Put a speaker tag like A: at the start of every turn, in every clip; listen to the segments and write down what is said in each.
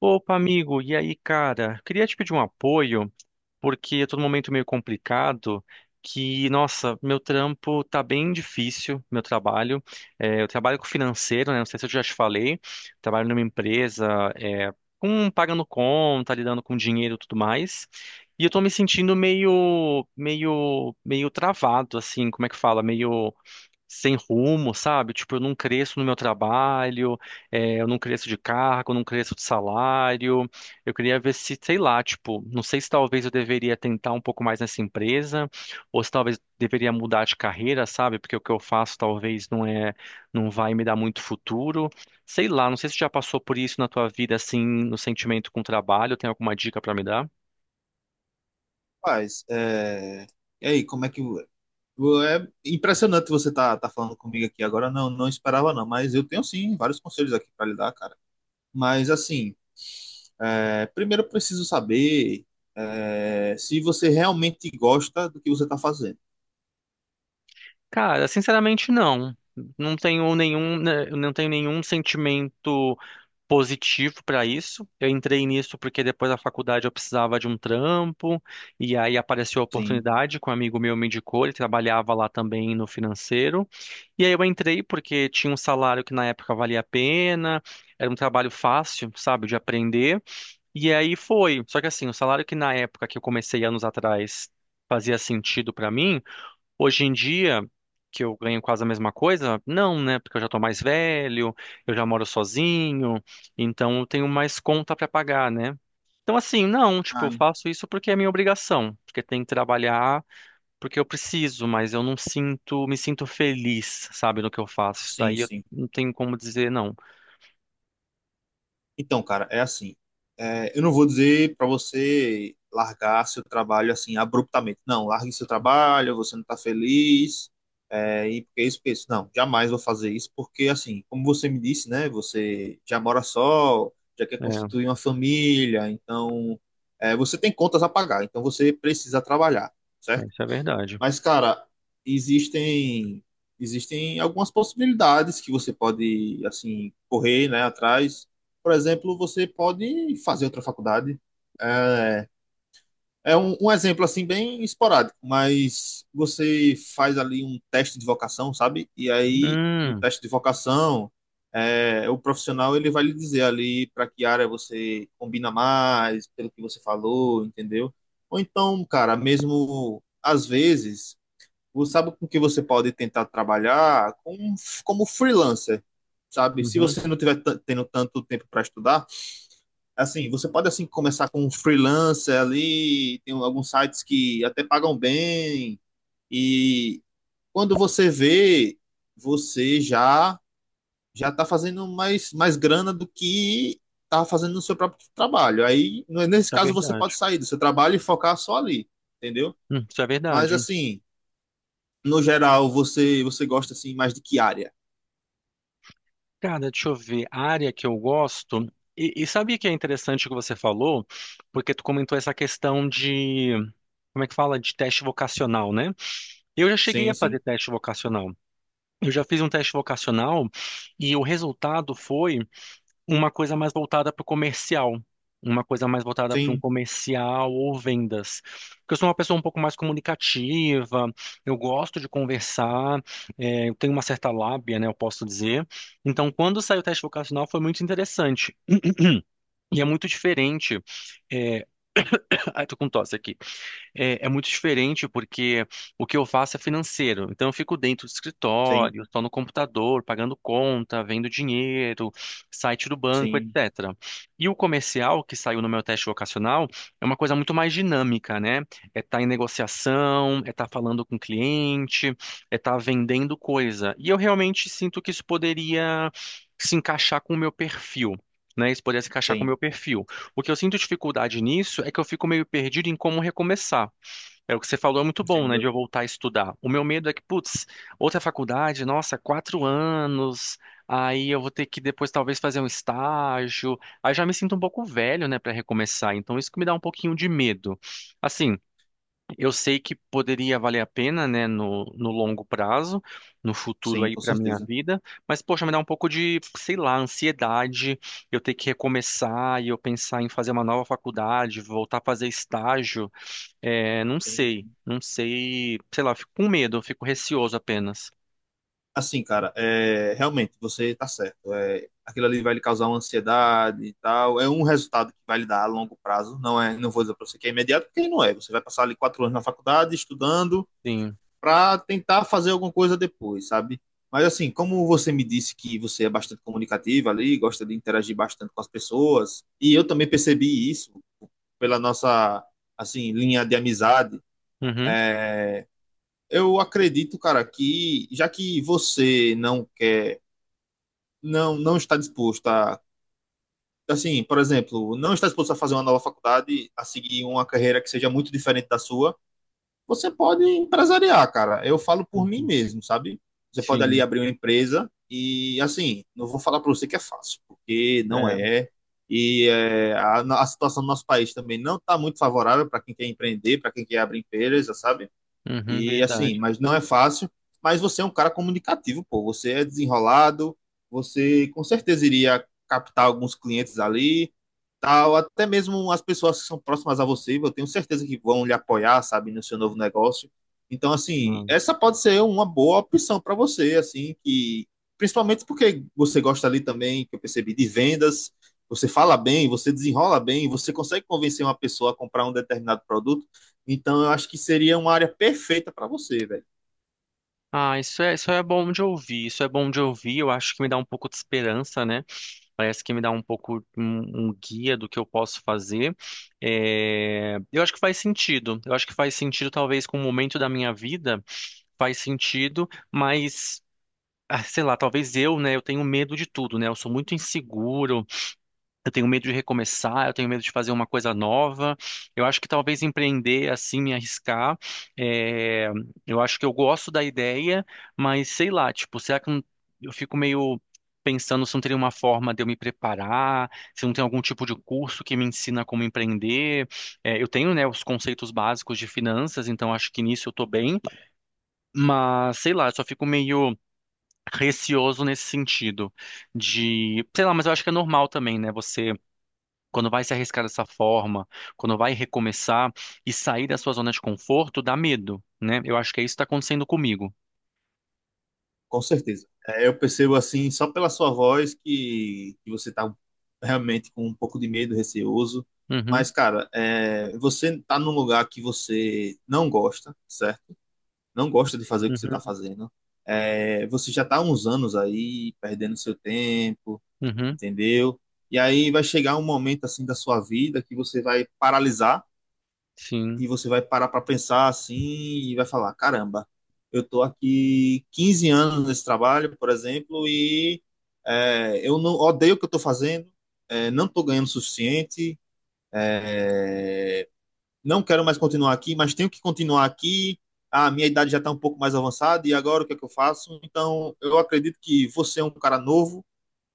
A: Opa, amigo, e aí, cara? Queria te pedir um apoio, porque eu tô num momento meio complicado, que, nossa, meu trampo tá bem difícil, meu trabalho. É, eu trabalho com financeiro, né? Não sei se eu já te falei. Trabalho numa empresa, é, com pagando conta, lidando com dinheiro e tudo mais. E eu tô me sentindo meio travado, assim, como é que fala? Meio sem rumo, sabe? Tipo, eu não cresço no meu trabalho, eu não cresço de cargo, eu não cresço de salário. Eu queria ver se, sei lá, tipo, não sei se talvez eu deveria tentar um pouco mais nessa empresa, ou se talvez deveria mudar de carreira, sabe? Porque o que eu faço talvez não vai me dar muito futuro. Sei lá, não sei se já passou por isso na tua vida, assim, no sentimento com o trabalho, tem alguma dica pra me dar?
B: Rapaz, e aí, como é é impressionante você tá falando comigo aqui agora. Não, esperava não, mas eu tenho sim vários conselhos aqui para lhe dar, cara. Mas assim, primeiro eu preciso saber se você realmente gosta do que você tá fazendo.
A: Cara, sinceramente não. Não tenho nenhum, né, eu não tenho nenhum sentimento positivo para isso. Eu entrei nisso porque depois da faculdade eu precisava de um trampo, e aí apareceu a
B: Sim.
A: oportunidade, que um amigo meu me indicou, ele trabalhava lá também no financeiro. E aí eu entrei porque tinha um salário que na época valia a pena, era um trabalho fácil, sabe, de aprender. E aí foi. Só que assim, o salário que na época que eu comecei anos atrás fazia sentido para mim. Hoje em dia, que eu ganho quase a mesma coisa, não, né? Porque eu já tô mais velho, eu já moro sozinho, então eu tenho mais conta pra pagar, né? Então, assim, não, tipo, eu
B: Ah,
A: faço isso porque é minha obrigação, porque tem que trabalhar, porque eu preciso, mas eu não sinto, me sinto feliz, sabe, no que eu faço. Isso.
B: sim,
A: Daí eu
B: sim.
A: não tenho como dizer não.
B: Então, cara, é assim. Eu não vou dizer para você largar seu trabalho assim abruptamente. Não, largue seu trabalho, você não está feliz, e porque é isso, porque é isso. Não, jamais vou fazer isso, porque assim, como você me disse, né? Você já mora só, já quer
A: É,
B: constituir uma família, então você tem contas a pagar, então você precisa trabalhar,
A: é,
B: certo?
A: isso é verdade.
B: Mas, cara, existem existem algumas possibilidades que você pode, assim, correr, né, atrás. Por exemplo, você pode fazer outra faculdade. É, é um exemplo, assim, bem esporádico, mas você faz ali um teste de vocação, sabe? E aí, no
A: Hum,
B: teste de vocação, o profissional, ele vai lhe dizer ali para que área você combina mais, pelo que você falou, entendeu? Ou então, cara, mesmo às vezes você sabe com que você pode tentar trabalhar com, como freelancer, sabe? Se
A: uhum, isso
B: você não tiver tendo tanto tempo para estudar, assim, você pode assim começar com um freelancer ali, tem alguns sites que até pagam bem e quando você vê, você já tá fazendo mais grana do que tá fazendo no seu próprio trabalho. Aí, nesse
A: é
B: caso, você
A: verdade.
B: pode sair do seu trabalho e focar só ali, entendeu?
A: Isso é
B: Mas
A: verdade.
B: assim, no geral, você gosta assim mais de que área?
A: Cara, deixa eu ver. A área que eu gosto. E sabia que é interessante o que você falou? Porque tu comentou essa questão de. Como é que fala? De teste vocacional, né? Eu já cheguei
B: Sim,
A: a fazer
B: sim.
A: teste vocacional. Eu já fiz um teste vocacional e o resultado foi uma coisa mais voltada para o comercial, uma coisa mais voltada para um
B: Sim,
A: comercial ou vendas. Porque eu sou uma pessoa um pouco mais comunicativa, eu gosto de conversar, eu tenho uma certa lábia, né, eu posso dizer. Então, quando saiu o teste vocacional foi muito interessante. E é muito diferente. É... Ai, tô com tosse aqui. É muito diferente porque o que eu faço é financeiro. Então eu fico dentro do
B: sim,
A: escritório, estou no computador, pagando conta, vendo dinheiro, site do banco,
B: sim,
A: etc. E o comercial, que saiu no meu teste vocacional, é uma coisa muito mais dinâmica, né? É estar em negociação, é estar falando com o cliente, é estar vendendo coisa. E eu realmente sinto que isso poderia se encaixar com o meu perfil. Né, isso poderia se encaixar com o
B: sim.
A: meu perfil. O que eu sinto dificuldade nisso é que eu fico meio perdido em como recomeçar. É o que você falou, é muito bom, né, de
B: Entendo.
A: eu voltar a estudar. O meu medo é que, putz, outra faculdade, nossa, quatro anos, aí eu vou ter que depois talvez fazer um estágio. Aí já me sinto um pouco velho, né, para recomeçar. Então isso que me dá um pouquinho de medo. Assim, eu sei que poderia valer a pena, né, no longo prazo, no futuro
B: Sim,
A: aí
B: com
A: para minha
B: certeza.
A: vida, mas poxa, me dá um pouco de, sei lá, ansiedade, eu ter que recomeçar e eu pensar em fazer uma nova faculdade, voltar a fazer estágio, não
B: Sim,
A: sei,
B: sim.
A: não sei, sei lá, eu fico com medo, eu fico receoso apenas.
B: Assim, cara, é, realmente, você tá certo. É, aquilo ali vai lhe causar uma ansiedade e tal. É um resultado que vai lhe dar a longo prazo. Não é, não vou dizer pra você que é imediato, porque não é. Você vai passar ali 4 anos na faculdade, estudando,
A: Sim.
B: para tentar fazer alguma coisa depois, sabe? Mas assim, como você me disse que você é bastante comunicativa ali, gosta de interagir bastante com as pessoas, e eu também percebi isso pela nossa assim linha de amizade,
A: Uhum.
B: eu acredito, cara, que já que você não quer, não está disposto a assim, por exemplo, não está disposto a fazer uma nova faculdade, a seguir uma carreira que seja muito diferente da sua, você pode empresariar, cara. Eu falo por mim
A: Uhum.
B: mesmo, sabe? Você pode ali
A: Sim.
B: abrir uma empresa e, assim, não vou falar para você que é fácil, porque não
A: É.
B: é. E é, a situação do nosso país também não está muito favorável para quem quer empreender, para quem quer abrir empresa, sabe?
A: Uhum,
B: E assim,
A: verdade.
B: mas não é fácil. Mas você é um cara comunicativo, pô. Você é desenrolado, você com certeza iria captar alguns clientes ali, tal. Até mesmo as pessoas que são próximas a você, eu tenho certeza que vão lhe apoiar, sabe, no seu novo negócio. Então, assim,
A: Não.
B: essa pode ser uma boa opção para você, assim, que principalmente porque você gosta ali também, que eu percebi, de vendas. Você fala bem, você desenrola bem, você consegue convencer uma pessoa a comprar um determinado produto. Então eu acho que seria uma área perfeita para você, velho.
A: Ah, isso é bom de ouvir, isso é bom de ouvir, eu acho que me dá um pouco de esperança, né? Parece que me dá um pouco um, um guia do que eu posso fazer. É, eu acho que faz sentido. Eu acho que faz sentido, talvez, com o momento da minha vida, faz sentido, mas. Ah, sei lá, talvez eu, né? Eu tenho medo de tudo, né? Eu sou muito inseguro. Eu tenho medo de recomeçar, eu tenho medo de fazer uma coisa nova. Eu acho que talvez empreender assim, me arriscar. é, Eu acho que eu gosto da ideia, mas sei lá, tipo, será que não- eu fico meio pensando se não teria uma forma de eu me preparar, se não tem algum tipo de curso que me ensina como empreender. É, eu tenho, né, os conceitos básicos de finanças, então acho que nisso eu tô bem, mas sei lá, eu só fico meio receoso nesse sentido de, sei lá, mas eu acho que é normal também, né? Você quando vai se arriscar dessa forma, quando vai recomeçar e sair da sua zona de conforto, dá medo, né? Eu acho que é isso que está acontecendo comigo.
B: Com certeza. É, eu percebo assim, só pela sua voz, que você tá realmente com um pouco de medo, receoso.
A: Uhum,
B: Mas, cara, é, você tá num lugar que você não gosta, certo? Não gosta de fazer o que você tá
A: uhum,
B: fazendo. É, você já tá há uns anos aí, perdendo seu tempo,
A: uhum,
B: entendeu? E aí vai chegar um momento assim da sua vida que você vai paralisar
A: sim,
B: e você vai parar para pensar assim e vai falar: caramba, eu estou aqui 15 anos nesse trabalho, por exemplo, e é, eu não odeio o que eu estou fazendo, é, não estou ganhando o suficiente, não quero mais continuar aqui, mas tenho que continuar aqui. A minha idade já está um pouco mais avançada e agora o que é que eu faço? Então, eu acredito que você é um cara novo,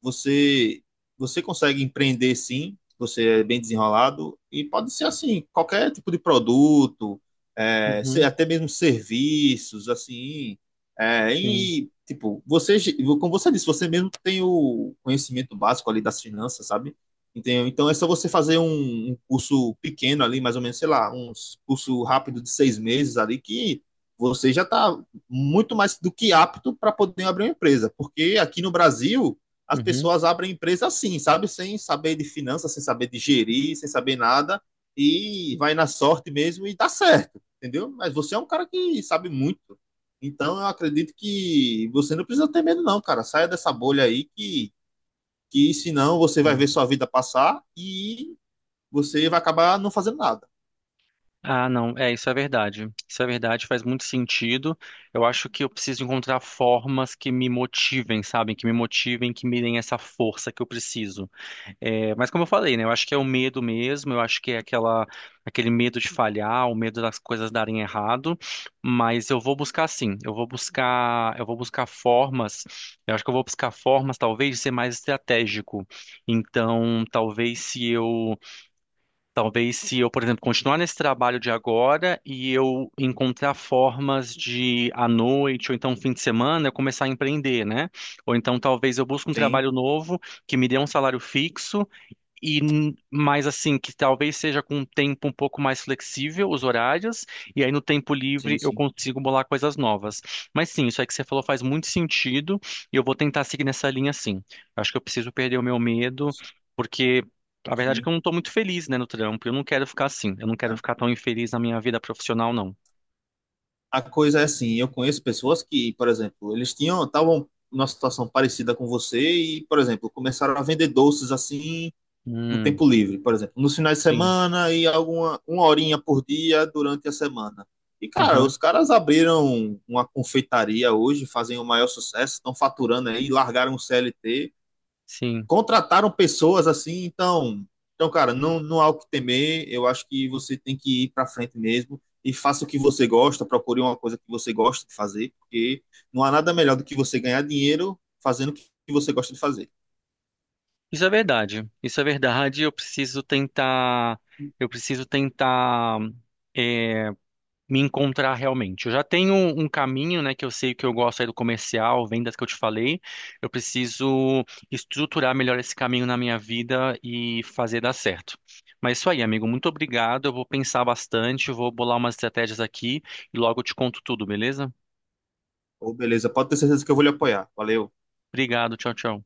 B: você você consegue empreender sim, você é bem desenrolado e pode ser assim, qualquer tipo de produto, é,
A: uhum,
B: até mesmo serviços, assim, é,
A: sim,
B: e tipo, você, como você disse, você mesmo tem o conhecimento básico ali das finanças, sabe? Entendeu? Então é só você fazer um curso pequeno ali, mais ou menos, sei lá, um curso rápido de 6 meses ali, que você já está muito mais do que apto para poder abrir uma empresa. Porque aqui no Brasil, as
A: uhum.
B: pessoas abrem empresa assim, sabe? Sem saber de finanças, sem saber de gerir, sem saber nada, e vai na sorte mesmo e dá certo, entendeu? Mas você é um cara que sabe muito. Então eu acredito que você não precisa ter medo, não, cara. Saia dessa bolha aí que senão você vai
A: Sim.
B: ver sua vida passar e você vai acabar não fazendo nada.
A: Ah, não, é, isso é verdade. Isso é verdade, faz muito sentido. Eu acho que eu preciso encontrar formas que me motivem, sabem? Que me motivem, que me deem essa força que eu preciso. É, mas como eu falei, né? Eu acho que é o medo mesmo, eu acho que é aquela, aquele medo de falhar, o medo das coisas darem errado, mas eu vou buscar sim, eu vou buscar formas, eu acho que eu vou buscar formas talvez de ser mais estratégico. Então, talvez se eu, por exemplo, continuar nesse trabalho de agora e eu encontrar formas de à noite ou então fim de semana eu começar a empreender, né? Ou então talvez eu busque um
B: Sim,
A: trabalho novo que me dê um salário fixo e mais assim, que talvez seja com um tempo um pouco mais flexível os horários, e aí no tempo
B: sim,
A: livre eu
B: sim.
A: consigo bolar coisas novas. Mas sim, isso aí que você falou faz muito sentido, e eu vou tentar seguir nessa linha sim. Acho que eu preciso perder o meu medo,
B: Nossa,
A: porque a verdade é que eu
B: Sim,
A: não estou muito feliz, né, no trampo. Eu não quero ficar assim, eu não quero ficar tão infeliz na minha vida profissional, não.
B: a coisa é assim, eu conheço pessoas que, por exemplo, eles tinham, estavam numa situação parecida com você e, por exemplo, começaram a vender doces assim no
A: Hum,
B: tempo livre, por exemplo, nos finais de
A: sim.
B: semana e alguma uma horinha por dia durante a semana. E, cara,
A: Aham,
B: os caras abriram uma confeitaria hoje, fazem o maior sucesso, estão faturando aí, largaram o CLT,
A: sim.
B: contrataram pessoas assim, então, então cara, não, não há o que temer. Eu acho que você tem que ir para frente mesmo e faça o que você gosta, procure uma coisa que você gosta de fazer, porque não há nada melhor do que você ganhar dinheiro fazendo o que você gosta de fazer.
A: Isso é verdade. Isso é verdade. Eu preciso tentar. Eu preciso tentar eh, me encontrar realmente. Eu já tenho um caminho, né, que eu sei que eu gosto aí do comercial, vendas que eu te falei. Eu preciso estruturar melhor esse caminho na minha vida e fazer dar certo. Mas é isso aí, amigo. Muito obrigado. Eu vou pensar bastante, vou bolar umas estratégias aqui e logo eu te conto tudo, beleza?
B: Ou beleza, pode ter certeza que eu vou lhe apoiar. Valeu.
A: Obrigado. Tchau, tchau.